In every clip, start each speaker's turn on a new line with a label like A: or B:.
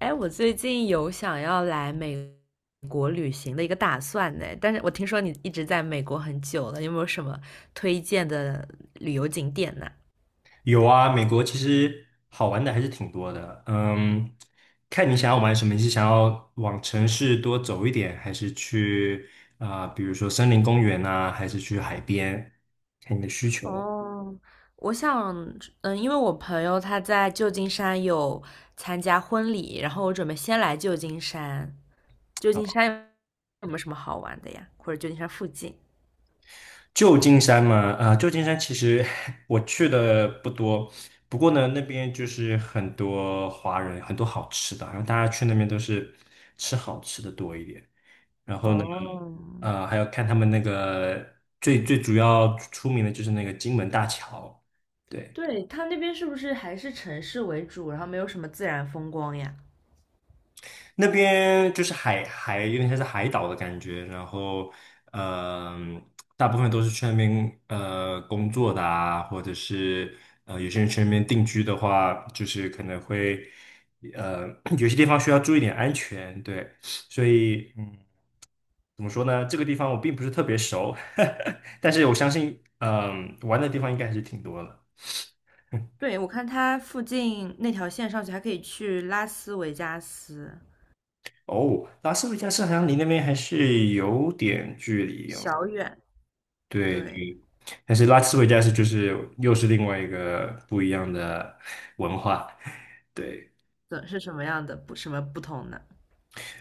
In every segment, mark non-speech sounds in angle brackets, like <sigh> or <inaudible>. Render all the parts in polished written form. A: 哎，我最近有想要来美国旅行的一个打算呢，但是我听说你一直在美国很久了，有没有什么推荐的旅游景点呢？
B: 有啊，美国其实好玩的还是挺多的。嗯，看你想要玩什么，你是想要往城市多走一点，还是去比如说森林公园啊，还是去海边？看你的需求。
A: 哦，我想，因为我朋友他在旧金山有参加婚礼，然后我准备先来旧金山。旧金山有没有什么好玩的呀？或者旧金山附近？
B: 旧金山嘛，啊、旧金山其实 <laughs> 我去的不多，不过呢，那边就是很多华人，很多好吃的，然后大家去那边都是吃好吃的多一点。然后呢，
A: 哦，
B: 呃，还要看他们那个最主要出名的就是那个金门大桥。对，
A: 对，他那边是不是还是城市为主，然后没有什么自然风光呀？
B: 那边就是海有点像是海岛的感觉。然后嗯、大部分都是去那边工作的啊，或者是有些人去那边定居的话，就是可能会呃 <coughs> <clears throat> 有些地方需要注意点安全，对，所以。嗯。怎么说呢？这个地方我并不是特别熟，<laughs> 但是我相信，嗯，玩的地方应该还是挺多的。
A: 对，我看它附近那条线上去还可以去拉斯维加斯，
B: 哦，拉斯维加斯好像离那边还是有点距离哦。
A: 小远。
B: 对
A: 对，
B: 对，但是拉斯维加斯就是又是另外一个不一样的文化。<laughs> 对。
A: 怎是什么样的不什么不同呢？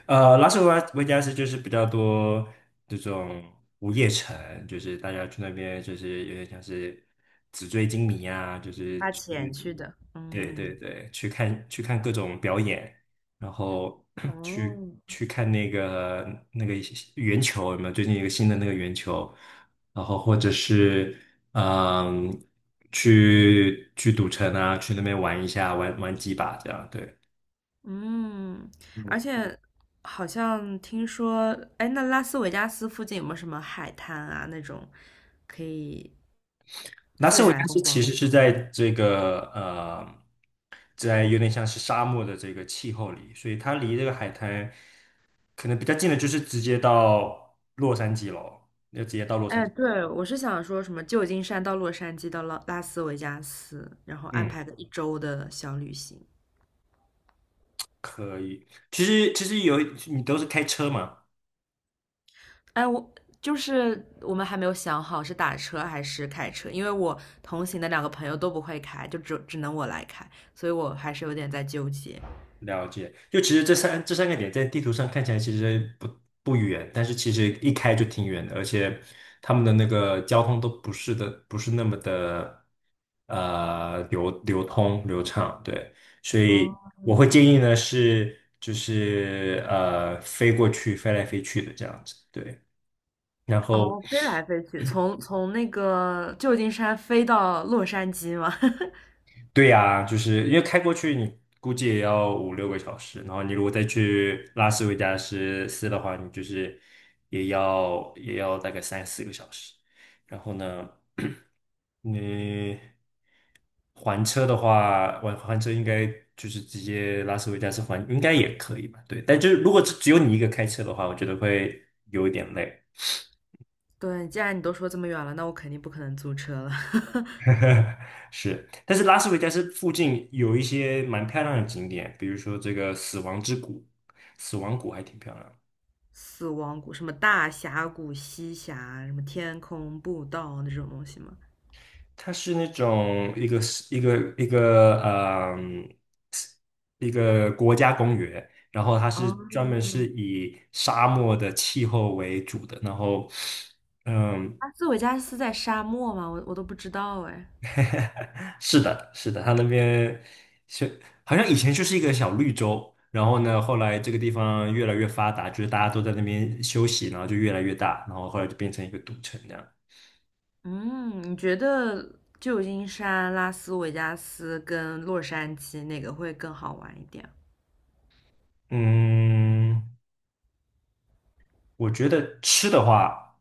B: 呃，拉斯维加斯就是比较多这种午夜城，就是大家去那边就是有点像是纸醉金迷啊，就是
A: 花
B: 去，
A: 钱去的。
B: 对
A: 嗯
B: 对对，去看各种表演，然后 <clears throat> 去
A: 哦，
B: 去看那个那个圆球有没有？最近一个新的那个圆球，然后或者是嗯，去赌城啊，去那边玩一下，玩玩几把这样，对。
A: 嗯，而
B: 嗯，
A: 且好像听说，哎，那拉斯维加斯附近有没有什么海滩啊那种可以
B: 拉斯
A: 自
B: 维加
A: 然
B: 斯
A: 风光？
B: 其实是在这个在有点像是沙漠的这个气候里，所以它离这个海滩可能比较近的，就是直接到洛杉矶咯，要直接到洛杉
A: 哎，
B: 矶。
A: 对，我是想说什么旧金山到洛杉矶到拉拉斯维加斯，然后安
B: 嗯，
A: 排个一周的小旅行。
B: 可以。其实有你都是开车嘛，
A: 哎，我就是我们还没有想好是打车还是开车，因为我同行的两个朋友都不会开，就只能我来开，所以我还是有点在纠结。
B: 了解。就其实这三个点在地图上看起来其实不远，但是其实一开就挺远的，而且他们的那个交通都不是的，不是那么的。流畅，对，所
A: 哦，
B: 以我会
A: 嗯
B: 建议呢是就是呃飞过去飞来飞去的这样子，对，然后
A: 哦，飞来飞去，从那个旧金山飞到洛杉矶吗？<laughs>
B: 对呀、就是因为开过去你估计也要五六个小时，然后你如果再去拉斯维加斯的话，你就是也要大概三四个小时。然后呢，<clears throat> 你。还车的话，还车应该就是直接拉斯维加斯还，应该也可以吧？对，但就是如果只有你一个开车的话，我觉得会有一点累。
A: 对，既然你都说这么远了，那我肯定不可能租车了。<laughs>
B: <laughs> 是，但是拉斯维加斯附近有一些蛮漂亮的景点，比如说这个死亡之谷，死亡谷还挺漂亮的。
A: 死亡谷，什么大峡谷、西峡，什么天空步道那种东西吗？
B: 它是那种一个一个嗯一个国家公园，然后它
A: 吗？
B: 是
A: 哦，
B: 专门是以沙漠的气候为主的，然后嗯，
A: 斯斯维加斯在沙漠吗我都不知道哎。
B: <laughs> 是的，是的，它那边是好像以前就是一个小绿洲，然后呢，后来这个地方越来越发达，就是大家都在那边休息，然后就越来越大，然后后来就变成一个赌城这样。
A: 嗯，你觉得旧金山、拉斯维加斯跟洛杉矶哪个会更好玩一点？
B: 嗯，我觉得吃的话，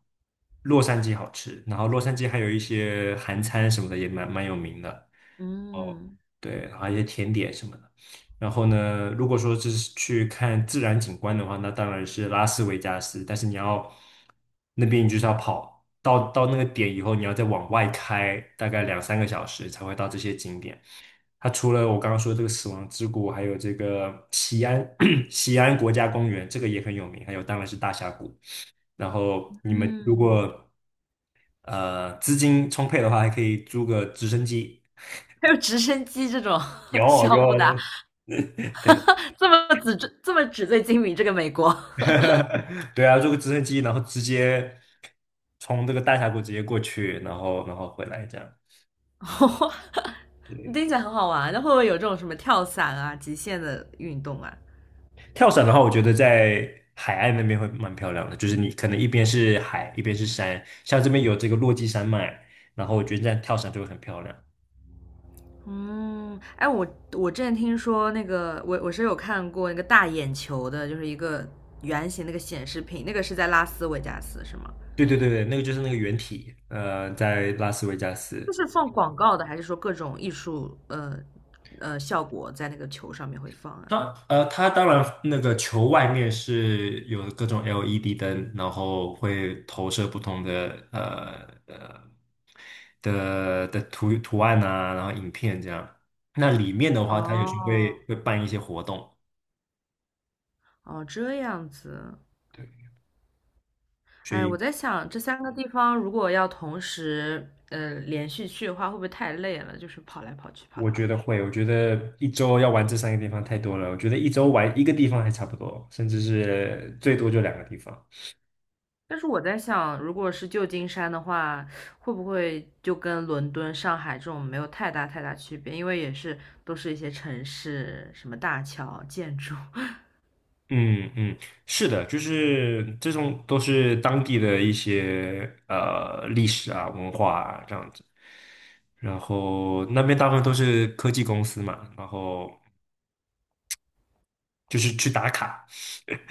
B: 洛杉矶好吃，然后洛杉矶还有一些韩餐什么的也蛮有名的。哦，
A: 嗯
B: 对，还有一些甜点什么的。然后呢，如果说这是去看自然景观的话，那当然是拉斯维加斯。但是你要那边，你就是要跑到那个点以后，你要再往外开大概两三个小时才会到这些景点。它除了我刚刚说这个死亡之谷，还有这个西安 <coughs> <clears throat> 西安国家公园，这个也很有名。还有当然是大峡谷。然后你们如
A: 嗯，
B: 果呃资金充沛的话，还可以租个直升机。
A: <laughs> 还有直升机这种 <laughs>
B: 有
A: 项
B: 有，
A: 目的啊，
B: 对，
A: <laughs> 这么纸醉金迷，这个美国，
B: <laughs> 对啊，坐个直升机，然后直接从这个大峡谷直接过去，然后回来这样。
A: <laughs>
B: 对，
A: 听起来很好玩。那会不会有这种什么跳伞啊、极限的运动啊？
B: 跳伞的话，我觉得在海岸那边会蛮漂亮的，就是你可能一边是海，一边是山，像这边有这个落基山脉，然后我觉得这样跳伞就会很漂亮。
A: 嗯，哎，我之前听说那个，我是有看过那个大眼球的，就是一个圆形那个显示屏，那个是在拉斯维加斯是吗？
B: 对对对对，那个就是那个原体，呃，在拉斯维加
A: 就
B: 斯，
A: 是放广告的，还是说各种艺术效果在那个球上面会放啊？
B: 当呃，它当然那个球外面是有各种 LED 灯，然后会投射不同的的图案啊，然后影片这样。那里面的话，它有时候
A: 哦
B: 会办一些活动，
A: 哦，这样子。
B: 对，所
A: 哎，我
B: 以
A: 在想这三个地方如果要同时连续去的话，会不会太累了？就是跑来跑去，跑来
B: 我觉
A: 跑
B: 得
A: 去。
B: 会，我觉得一周要玩这三个地方太多了，我觉得一周玩一个地方还差不多，甚至是最多就两个地方。
A: 但是我在想，如果是旧金山的话，会不会就跟伦敦、上海这种没有太大区别？因为也是都是一些城市，什么大桥、建筑。
B: 嗯嗯，是的，就是这种都是当地的一些呃历史啊、文化啊这样子。然后那边大部分都是科技公司嘛，然后就是去打卡，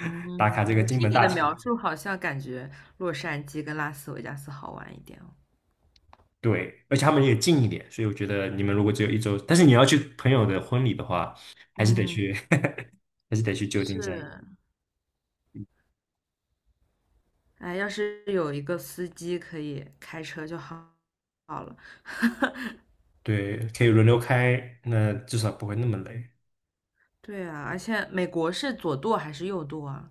A: 嗯，
B: 打卡这个
A: 我
B: 金
A: 听
B: 门
A: 你
B: 大
A: 的
B: 桥。
A: 描述，好像感觉洛杉矶跟拉斯维加斯好玩一点哦。
B: 对，而且他们也近一点，所以我觉得你们如果只有一周，但是你要去朋友的婚礼的话，还是得
A: 嗯，
B: 去，<laughs> 还是得去旧金山。
A: 是，哎，要是有一个司机可以开车就好了。<laughs>
B: 对，可以轮流开，那至少不会那么累。
A: 对啊，而且美国是左舵还是右舵啊？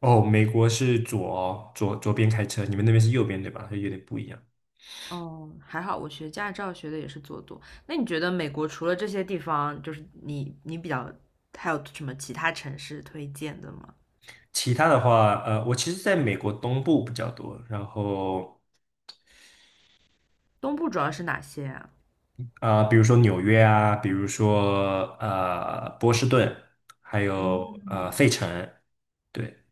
B: 哦，美国是左哦左左边开车，你们那边是右边对吧？所以有点不一样。
A: 哦，还好我学驾照学的也是左舵。那你觉得美国除了这些地方，就是你比较还有什么其他城市推荐的吗？
B: 其他的话，呃，我其实在美国东部比较多，然后
A: 东部主要是哪些啊？
B: 比如说纽约啊，比如说呃波士顿，还有呃
A: 嗯
B: 费城，对，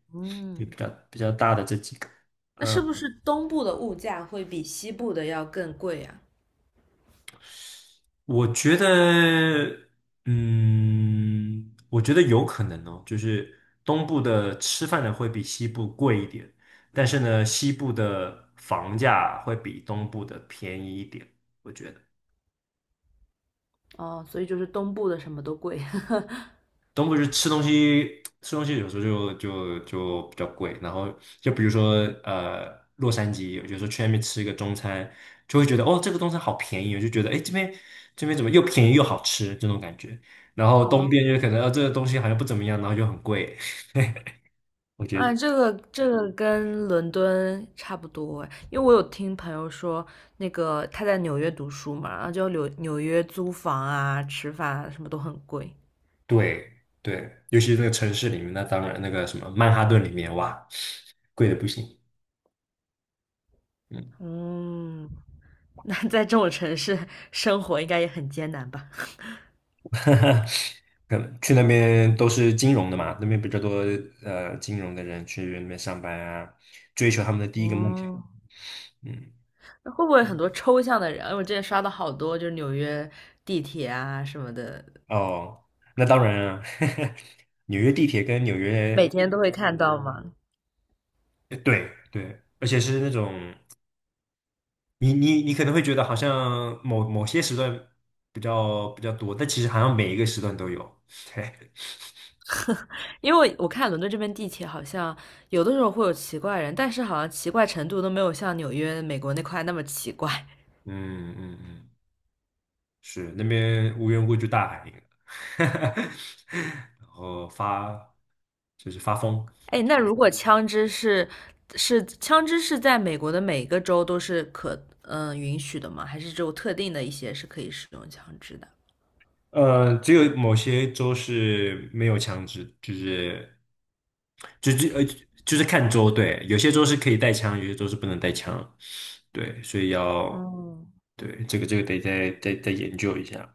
B: 就
A: 嗯。
B: 比较大的这几个。
A: 那是不是东部的物价会比西部的要更贵呀？
B: 我觉得，嗯，我觉得有可能哦，就是东部的吃饭的会比西部贵一点，但是呢，西部的房价会比东部的便宜一点，我觉得。
A: 哦，所以就是东部的什么都贵。<laughs>
B: 东部就吃东西，吃东西有时候就比较贵。然后就比如说呃，洛杉矶，有时候去那边吃一个中餐，就会觉得哦，这个中餐好便宜，我就觉得哎，诶这边怎么又便宜又好吃这种感觉。然后东
A: 哦，
B: 边就可能啊，这个东西好像不怎么样，然后又很贵。我觉
A: 啊，
B: 得
A: 这个跟伦敦差不多诶，因为我有听朋友说，那个他在纽约读书嘛，然后就纽约租房啊、吃饭啊什么都很贵。
B: 对对，尤其是那个城市里面，那当然那个什么曼哈顿里面，哇，贵的不行。嗯
A: 嗯，<laughs> 那在这种城市生活应该也很艰难吧？<laughs>
B: <laughs> 可能去那边都是金融的嘛，那边比较多呃金融的人去那边上班啊，追求他们的第一个梦想。
A: 嗯，
B: 嗯，
A: 那会不会很多抽象的人？因为我之前刷到好多，就是纽约地铁啊什么的，
B: 哦，那当然啊，<laughs> 纽约地铁跟纽
A: 每
B: 约，
A: 天都会看到吗？
B: 呃对对，而且是那种你可能会觉得好像某些时段比较多，但其实好像每一个时段都有。<laughs> 对，
A: 因为我看伦敦这边地铁好像有的时候会有奇怪人，但是好像奇怪程度都没有像纽约、美国那块那么奇怪。
B: 嗯嗯嗯，是那边无缘无故就大喊一个，<laughs> 然后发就是发疯。
A: 哎，那如果枪支是是枪支是在美国的每个州都是可允许的吗？还是只有特定的一些是可以使用枪支的？
B: 呃，只有某些州是没有枪支，就是就就呃就是看州，对，有些州是可以带枪，有些州是不能带枪，对，所以要
A: 嗯，
B: 对这个这个得再研究一下。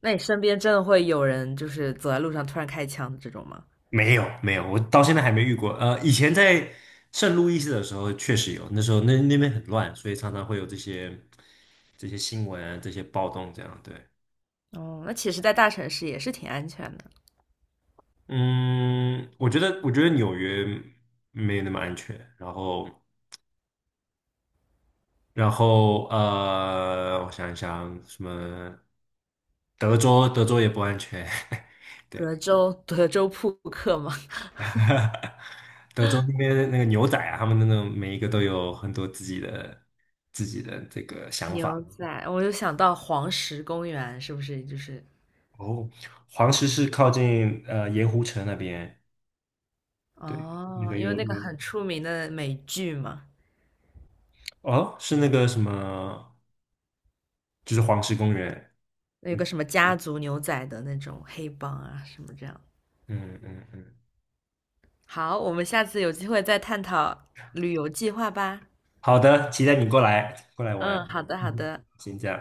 A: 那你身边真的会有人就是走在路上突然开枪的这种吗？
B: 没有没有，我到现在还没遇过。呃，以前在圣路易斯的时候确实有，那时候那边很乱，所以常常会有这些新闻啊，这些暴动这样，对。
A: 哦，那其实，在大城市也是挺安全的。
B: 嗯，我觉得，我觉得纽约没有那么安全。然后，然后呃，我想一想，什么德州，德州也不安全，<laughs> 对，
A: 德州，德州扑克吗？<laughs>
B: <laughs> 德州那边那个牛仔啊，他们那种每一个都有很多自己的这个想
A: 牛
B: 法。
A: 仔，我就想到黄石公园，是不是就是
B: 哦，黄石是靠近呃盐湖城那边，对，那
A: 哦？
B: 个
A: 因为
B: 有
A: 那个
B: 有
A: 很出名的美剧嘛，
B: 哦，是那个什么，就是黄石公园。
A: 有个
B: 嗯
A: 什么家族牛仔的那种黑帮啊，什么这样。
B: 嗯嗯嗯，
A: 好，我们下次有机会再探讨旅游计划吧。
B: 好的，期待你过来
A: 嗯，
B: 玩。
A: 好的，
B: <laughs> 嗯
A: 好
B: 哼，
A: 的。
B: 先这样。